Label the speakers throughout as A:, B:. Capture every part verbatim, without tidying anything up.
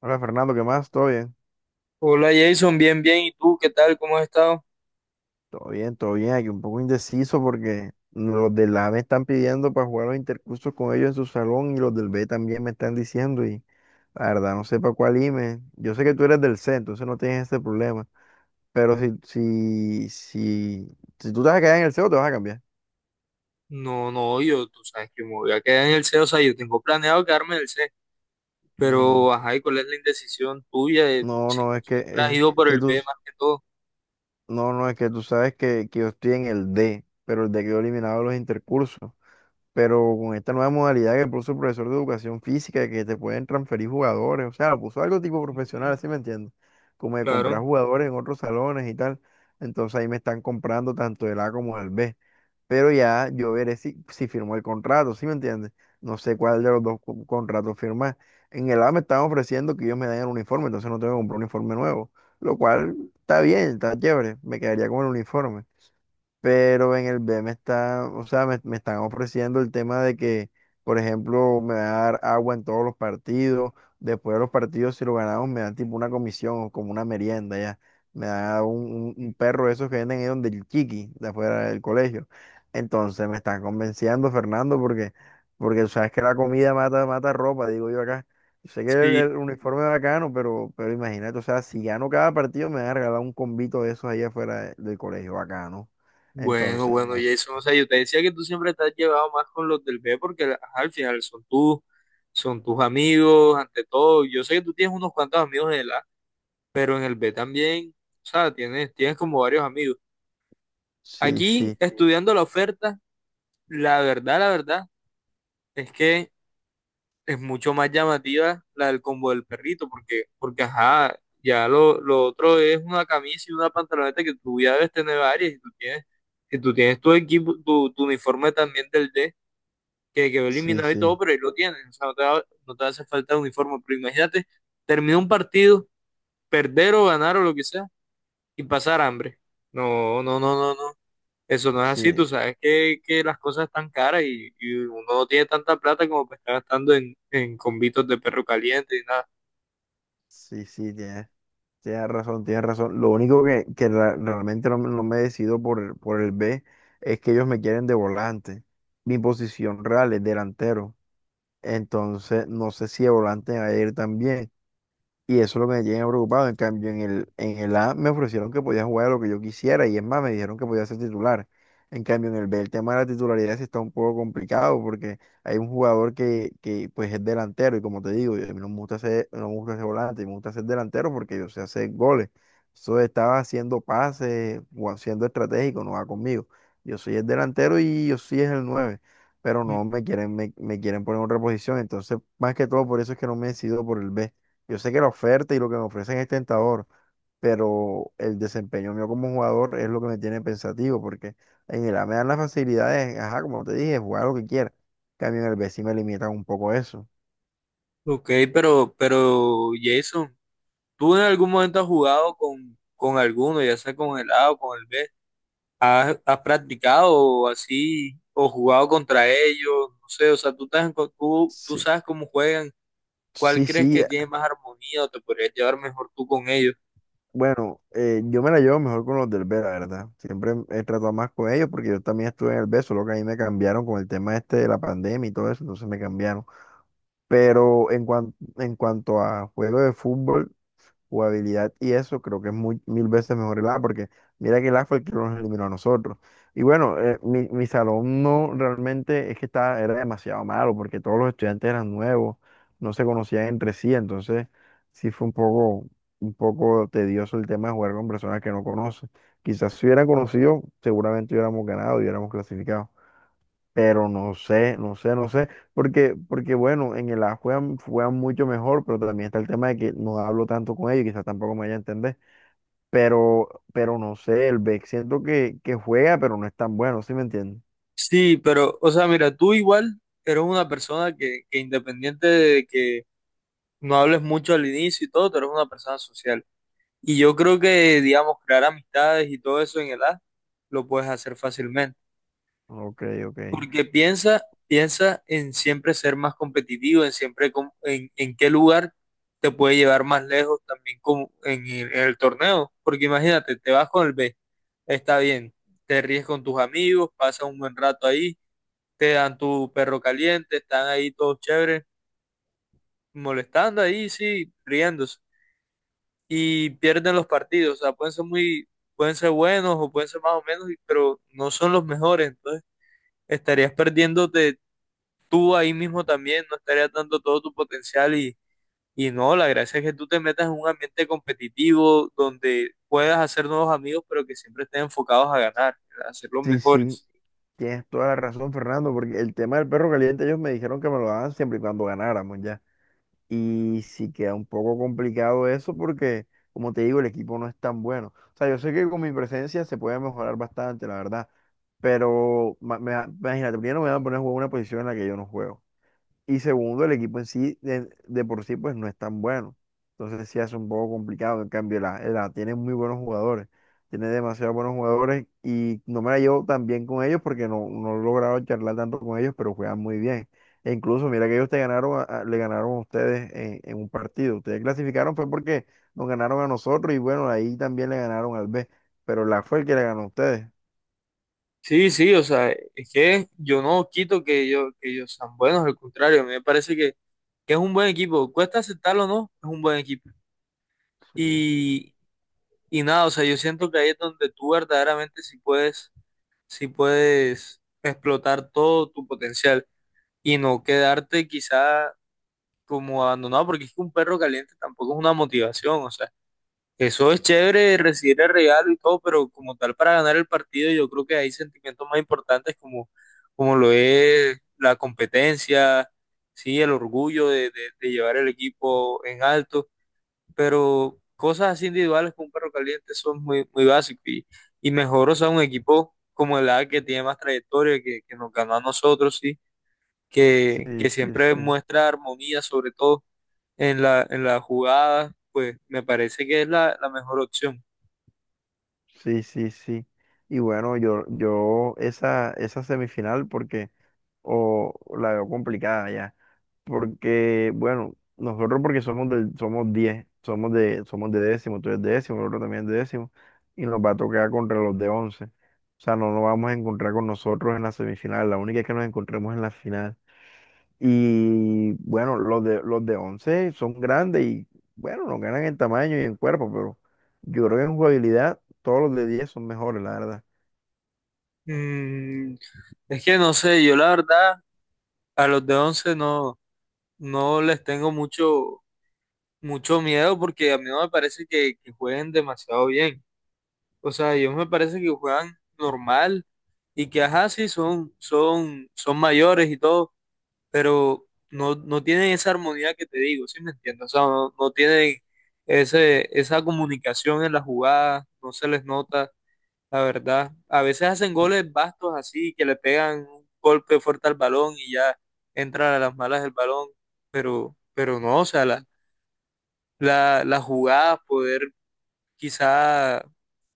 A: Hola Fernando, ¿qué más? ¿Todo bien?
B: Hola Jason, bien, bien. ¿Y tú qué tal? ¿Cómo has estado?
A: Todo bien, todo bien. Aquí un poco indeciso porque los del A me están pidiendo para jugar los intercursos con ellos en su salón y los del B también me están diciendo y la verdad no sé para cuál irme. Yo sé que tú eres del C, entonces no tienes ese problema. Pero si, si, si, si tú te vas a quedar en el C o te vas a cambiar.
B: No, no, yo, tú sabes que me voy a quedar en el C, E, o sea, yo tengo planeado quedarme en el C,
A: Mm,
B: pero, ajá, ¿y cuál es la indecisión tuya? De
A: no,
B: si tú
A: no, es que,
B: siempre has
A: es
B: ido por
A: que
B: el B
A: tú,
B: más que todo.
A: no, no, es que tú sabes que, que yo estoy en el D, pero el D quedó eliminado de los intercursos. Pero con esta nueva modalidad que puso el profesor de educación física, que te pueden transferir jugadores, o sea, lo puso algo tipo
B: Ujú.
A: profesional, ¿sí me entiendes? Como de comprar
B: Claro.
A: jugadores en otros salones y tal. Entonces ahí me están comprando tanto el A como el B. Pero ya yo veré si, si firmo el contrato, ¿sí me entiendes? No sé cuál de los dos co- contratos firmar. En el A me están ofreciendo que ellos me den el uniforme, entonces no tengo que comprar un uniforme nuevo, lo cual está bien, está chévere, me quedaría con el uniforme. Pero en el B me está, o sea, me, me están ofreciendo el tema de que, por ejemplo, me va a dar agua en todos los partidos, después de los partidos, si lo ganamos, me dan tipo una comisión o como una merienda, ya, me da un, un- un perro de esos que venden ahí donde el chiqui, de afuera del colegio. Entonces me están convenciendo, Fernando, porque, porque tú sabes que la comida mata, mata ropa, digo yo acá. Yo sé que el,
B: Sí.
A: el uniforme es bacano, pero, pero imagínate, o sea, si gano cada partido, me van a regalar un combito de esos ahí afuera de- del colegio, bacano.
B: Bueno,
A: Entonces,
B: bueno,
A: no sé.
B: Jason, o sea, yo te decía que tú siempre te has llevado más con los del B porque, ajá, al final son tus, son tus amigos, ante todo. Yo sé que tú tienes unos cuantos amigos en el A, pero en el B también, o sea, tienes, tienes como varios amigos.
A: Sí,
B: Aquí,
A: sí,
B: estudiando la oferta, la verdad, la verdad, es que es mucho más llamativa la del combo del perrito, porque, porque ajá, ya lo, lo otro es una camisa y una pantaloneta que tú ya debes tener varias, y tú tienes, si tú tienes tu equipo, tu, tu uniforme también del D, que quedó
A: sí,
B: eliminado y todo,
A: sí,
B: pero ahí lo tienes, o sea, no te, va- no te hace falta uniforme, pero imagínate, termina un partido, perder o ganar o lo que sea, y pasar hambre. No, no, no, no, no, eso no es así,
A: sí,
B: tú sabes que, que las cosas están caras y, y uno no tiene tanta plata como para estar gastando en, en convitos de perro caliente y nada.
A: sí, sí, tienes, tienes razón, tienes razón. Lo único que, que ra- realmente no, me no me decido por el, por el B es que ellos me quieren de volante. Mi posición real es delantero. Entonces, no sé si de volante me va a ir también. Y eso es lo que me tiene preocupado. En cambio, en el, en el A me ofrecieron que podía jugar a lo que yo quisiera y es más, me dijeron que podía ser titular. En cambio, en el B el tema de la titularidad sí está un poco complicado porque hay un jugador que, que pues es delantero y como te digo, yo- a mí no me gusta ser, no me gusta ser volante, me gusta ser delantero porque yo sé hacer goles. Eso estaba haciendo pases o haciendo estratégico, no va conmigo. Yo soy el delantero y yo sí es el nueve, pero
B: Mm.
A: no me quieren, me, me quieren poner en otra posición. Entonces, más que todo, por eso es que no me he decidido por el B. Yo sé que la oferta y lo que me ofrecen es tentador, pero el desempeño mío como jugador es lo que me tiene pensativo, porque en el A me dan las facilidades, ajá, como te dije, jugar lo que quiera. En cambio, en el B sí me limitan un poco eso.
B: Ok, pero, pero Jason, ¿tú en algún momento has jugado con, con alguno, ya sea con el A o con el B? ¿Has, has practicado así o jugado contra ellos? No sé, o sea, ¿tú, te has enco- tú, tú
A: Sí,
B: sabes cómo juegan? ¿Cuál
A: sí,
B: crees
A: sí.
B: que tiene más armonía o te podrías llevar mejor tú con ellos?
A: Bueno, eh, yo me la llevo mejor con los del B, la verdad. Siempre he tratado más con ellos porque yo también estuve en el B, solo que a mí me cambiaron con el tema este de la pandemia y todo eso, entonces me cambiaron. Pero en, cuan- en cuanto a juego de fútbol, jugabilidad y eso creo que es muy, mil veces mejor el A, porque mira que el A fue el que nos eliminó a nosotros. Y bueno, eh, mi, mi salón no realmente es que estaba, era demasiado malo, porque todos los estudiantes eran nuevos, no se conocían entre sí, entonces sí fue un poco, un poco tedioso el tema de jugar con personas que no conoces. Quizás si hubieran conocido, seguramente hubiéramos ganado y hubiéramos clasificado. Pero no sé, no sé, no sé, porque, porque bueno, en el A juegan, juegan mucho mejor, pero también está el tema de que no hablo tanto con ellos, quizás tampoco me vaya a entender, pero, pero no sé, el B E C siento que, que juega, pero no es tan bueno, ¿sí me entiendes?
B: Sí, pero, o sea, mira, tú igual eres una persona que, que independiente de que no hables mucho al inicio y todo, tú eres una persona social. Y yo creo que, digamos, crear amistades y todo eso en el A lo puedes hacer fácilmente.
A: Ok, ok.
B: Porque piensa, piensa en siempre ser más competitivo, en siempre com- en, en qué lugar te puede llevar más lejos también como en el, en el torneo. Porque imagínate, te vas con el B, está bien, te ríes con tus amigos, pasas un buen rato ahí te dan tu perro caliente, están ahí todos chéveres, molestando ahí, sí, riéndose. Y pierden los partidos, o sea, pueden ser muy, pueden ser buenos o pueden ser más o menos, y- pero no son los mejores, entonces estarías perdiéndote tú ahí mismo también, no estarías dando todo tu potencial y, y no, la gracia es que tú te metas en un ambiente competitivo donde puedas hacer nuevos amigos, pero que siempre estén enfocados a ganar, a ser los
A: Sí, sí,
B: mejores.
A: tienes toda la razón, Fernando, porque el tema del perro caliente ellos me dijeron que me lo daban siempre y cuando ganáramos ya. Y sí queda un poco complicado eso porque, como te digo, el equipo no es tan bueno. O sea, yo sé que con mi presencia se puede mejorar bastante, la verdad. Pero ma- me da- imagínate, primero me van a poner a jugar una posición en la que yo no juego. Y segundo, el equipo en sí, de, de por sí, pues no es tan bueno. Entonces sí hace un poco complicado. En cambio, la, la tiene muy buenos jugadores. Tiene demasiados buenos jugadores y no me la llevo tan bien con ellos porque no, no he logrado charlar tanto con ellos, pero juegan muy bien. E incluso, mira que ellos te ganaron, a- a- le ganaron a ustedes en, en un partido. Ustedes clasificaron fue porque nos ganaron a nosotros y bueno, ahí también le ganaron al B. Pero la fue el que le ganó a ustedes.
B: Sí, sí, o sea, es que yo no quito que ellos, que ellos sean buenos, al contrario, a mí me parece que, que es un buen equipo. Cuesta aceptarlo o no, es un buen equipo.
A: Sí, sí.
B: Y, y nada, o sea, yo siento que ahí es donde tú verdaderamente sí puedes, sí puedes explotar todo tu potencial y no quedarte quizá como abandonado, porque es que un perro caliente tampoco es una motivación, o sea. Eso es chévere, recibir el regalo y todo, pero como tal para ganar el partido yo creo que hay sentimientos más importantes como, como lo es la competencia, sí, el orgullo de, de- de llevar el equipo en alto, pero cosas así individuales como un perro caliente son muy, muy básicas y, y mejor, o sea, un equipo como el A que tiene más trayectoria, que, que nos ganó a nosotros, sí, que,
A: Sí,
B: que
A: sí,
B: siempre
A: sí.
B: muestra armonía, sobre todo en la, en la jugada, pues me parece que es la la mejor opción.
A: Sí, sí, sí. Y bueno, yo, yo esa, esa semifinal porque, o la veo complicada ya. Porque, bueno, nosotros porque somos del, somos diez, somos de, somos de décimo, tú eres de décimo, el otro también es de décimo, y nos va a tocar contra los de once. O sea, no nos vamos a encontrar con nosotros en la semifinal, la única es que nos encontremos en la final. Y bueno, los de, los de once son grandes y bueno, nos ganan en tamaño y en cuerpo, pero yo creo que en jugabilidad todos los de diez son mejores, la verdad.
B: Mm, es que no sé, yo la verdad a los de once no, no les tengo mucho, mucho miedo porque a mí no me parece que, que jueguen demasiado bien. O sea, ellos me parece que juegan normal y que ajá, sí, son, son, son mayores y todo, pero no, no tienen esa armonía que te digo, ¿sí me entiendes? O sea, no, no tienen ese, esa comunicación en la jugada, no se les nota. La verdad, a veces hacen goles bastos así, que le pegan un golpe fuerte al balón y ya entra a las malas el balón, pero, pero no, o sea, la, la, las jugadas, poder quizá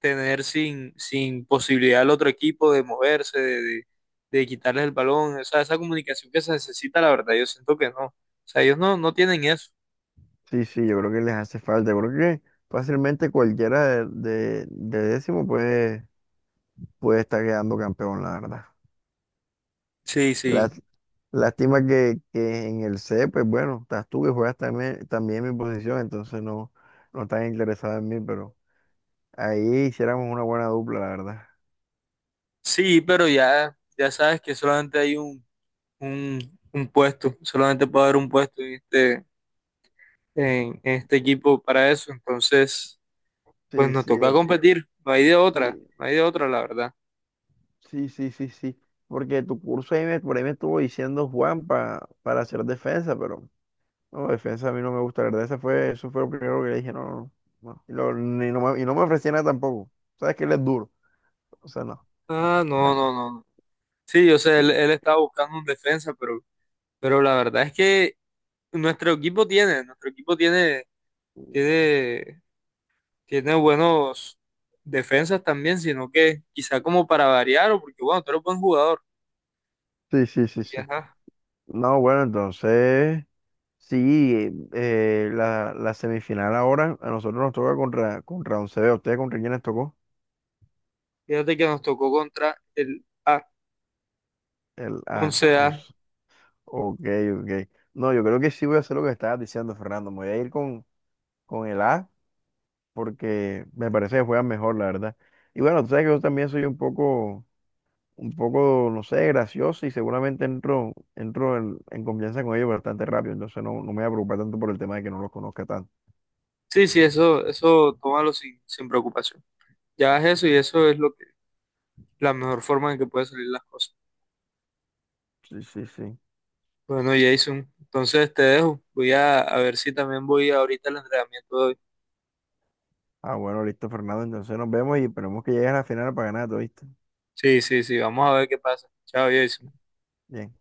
B: tener sin, sin posibilidad al otro equipo de moverse, de, de, de quitarles el balón, o sea, esa comunicación que se necesita, la verdad, yo siento que no, o sea, ellos no, no tienen eso.
A: Sí, sí, yo creo que les hace falta. Yo creo que fácilmente cualquiera de, de, de décimo puede, puede estar quedando campeón, la verdad.
B: Sí, sí,
A: Lás- lástima que, que en el C, pues bueno, estás tú que juegas también, también mi posición, entonces no, no estás interesado en mí, pero ahí hiciéramos una buena dupla, la verdad.
B: sí, pero ya, ya sabes que solamente hay un, un, un puesto, solamente puede haber un puesto en este en, en este equipo para eso. Entonces, pues
A: Sí,
B: nos
A: sí,
B: toca
A: de-
B: competir. No hay de otra,
A: sí.
B: no hay de otra, la verdad.
A: Sí, sí, sí, sí. Porque tu curso ahí me, por ahí me estuvo diciendo Juan pa- para hacer defensa, pero no, defensa a mí no me gusta, la verdad. Ese fue, eso fue lo primero que le dije, no, no, no. No. Y, lo- ni no me, y no me ofrecía nada tampoco. Sabes que él es duro. O sea, no.
B: Ah,
A: que-
B: no, no, no. No. Sí, yo sé,
A: Sí,
B: él, él estaba buscando un defensa, pero, pero la verdad es que nuestro equipo tiene, nuestro equipo tiene, tiene, tiene buenos defensas también, sino que quizá como para variar, o porque bueno, tú eres buen jugador.
A: sí, sí, sí,
B: Y
A: sí.
B: ajá,
A: No, bueno, entonces, sí, eh, la, la semifinal ahora a nosotros nos toca contra, contra once B. ¿Ustedes contra quién les tocó?
B: fíjate que nos tocó contra el
A: El A once.
B: A once A.
A: Ok, ok. No, yo creo que sí voy a hacer lo que estabas diciendo, Fernando. Me voy a ir con, con el A porque me parece que juegan mejor, la verdad. Y bueno, tú sabes que yo también soy un poco, un poco, no sé, gracioso y seguramente entro, entro en, en confianza con ellos bastante rápido. Entonces no, no me voy a preocupar tanto por el tema de que no los conozca tanto.
B: Sí, sí, eso, eso tómalo sin, sin preocupación. Ya es eso y eso es lo la mejor forma en que puede salir las cosas.
A: Sí, sí, sí.
B: Bueno, Jason, entonces te dejo. Voy a, a ver si también voy ahorita al entrenamiento de hoy.
A: Ah, bueno, listo, Fernando. Entonces nos vemos y esperemos que llegues a la final para ganar, ¿oíste?
B: Sí, sí, sí, vamos a ver qué pasa. Chao, Jason.
A: Bien.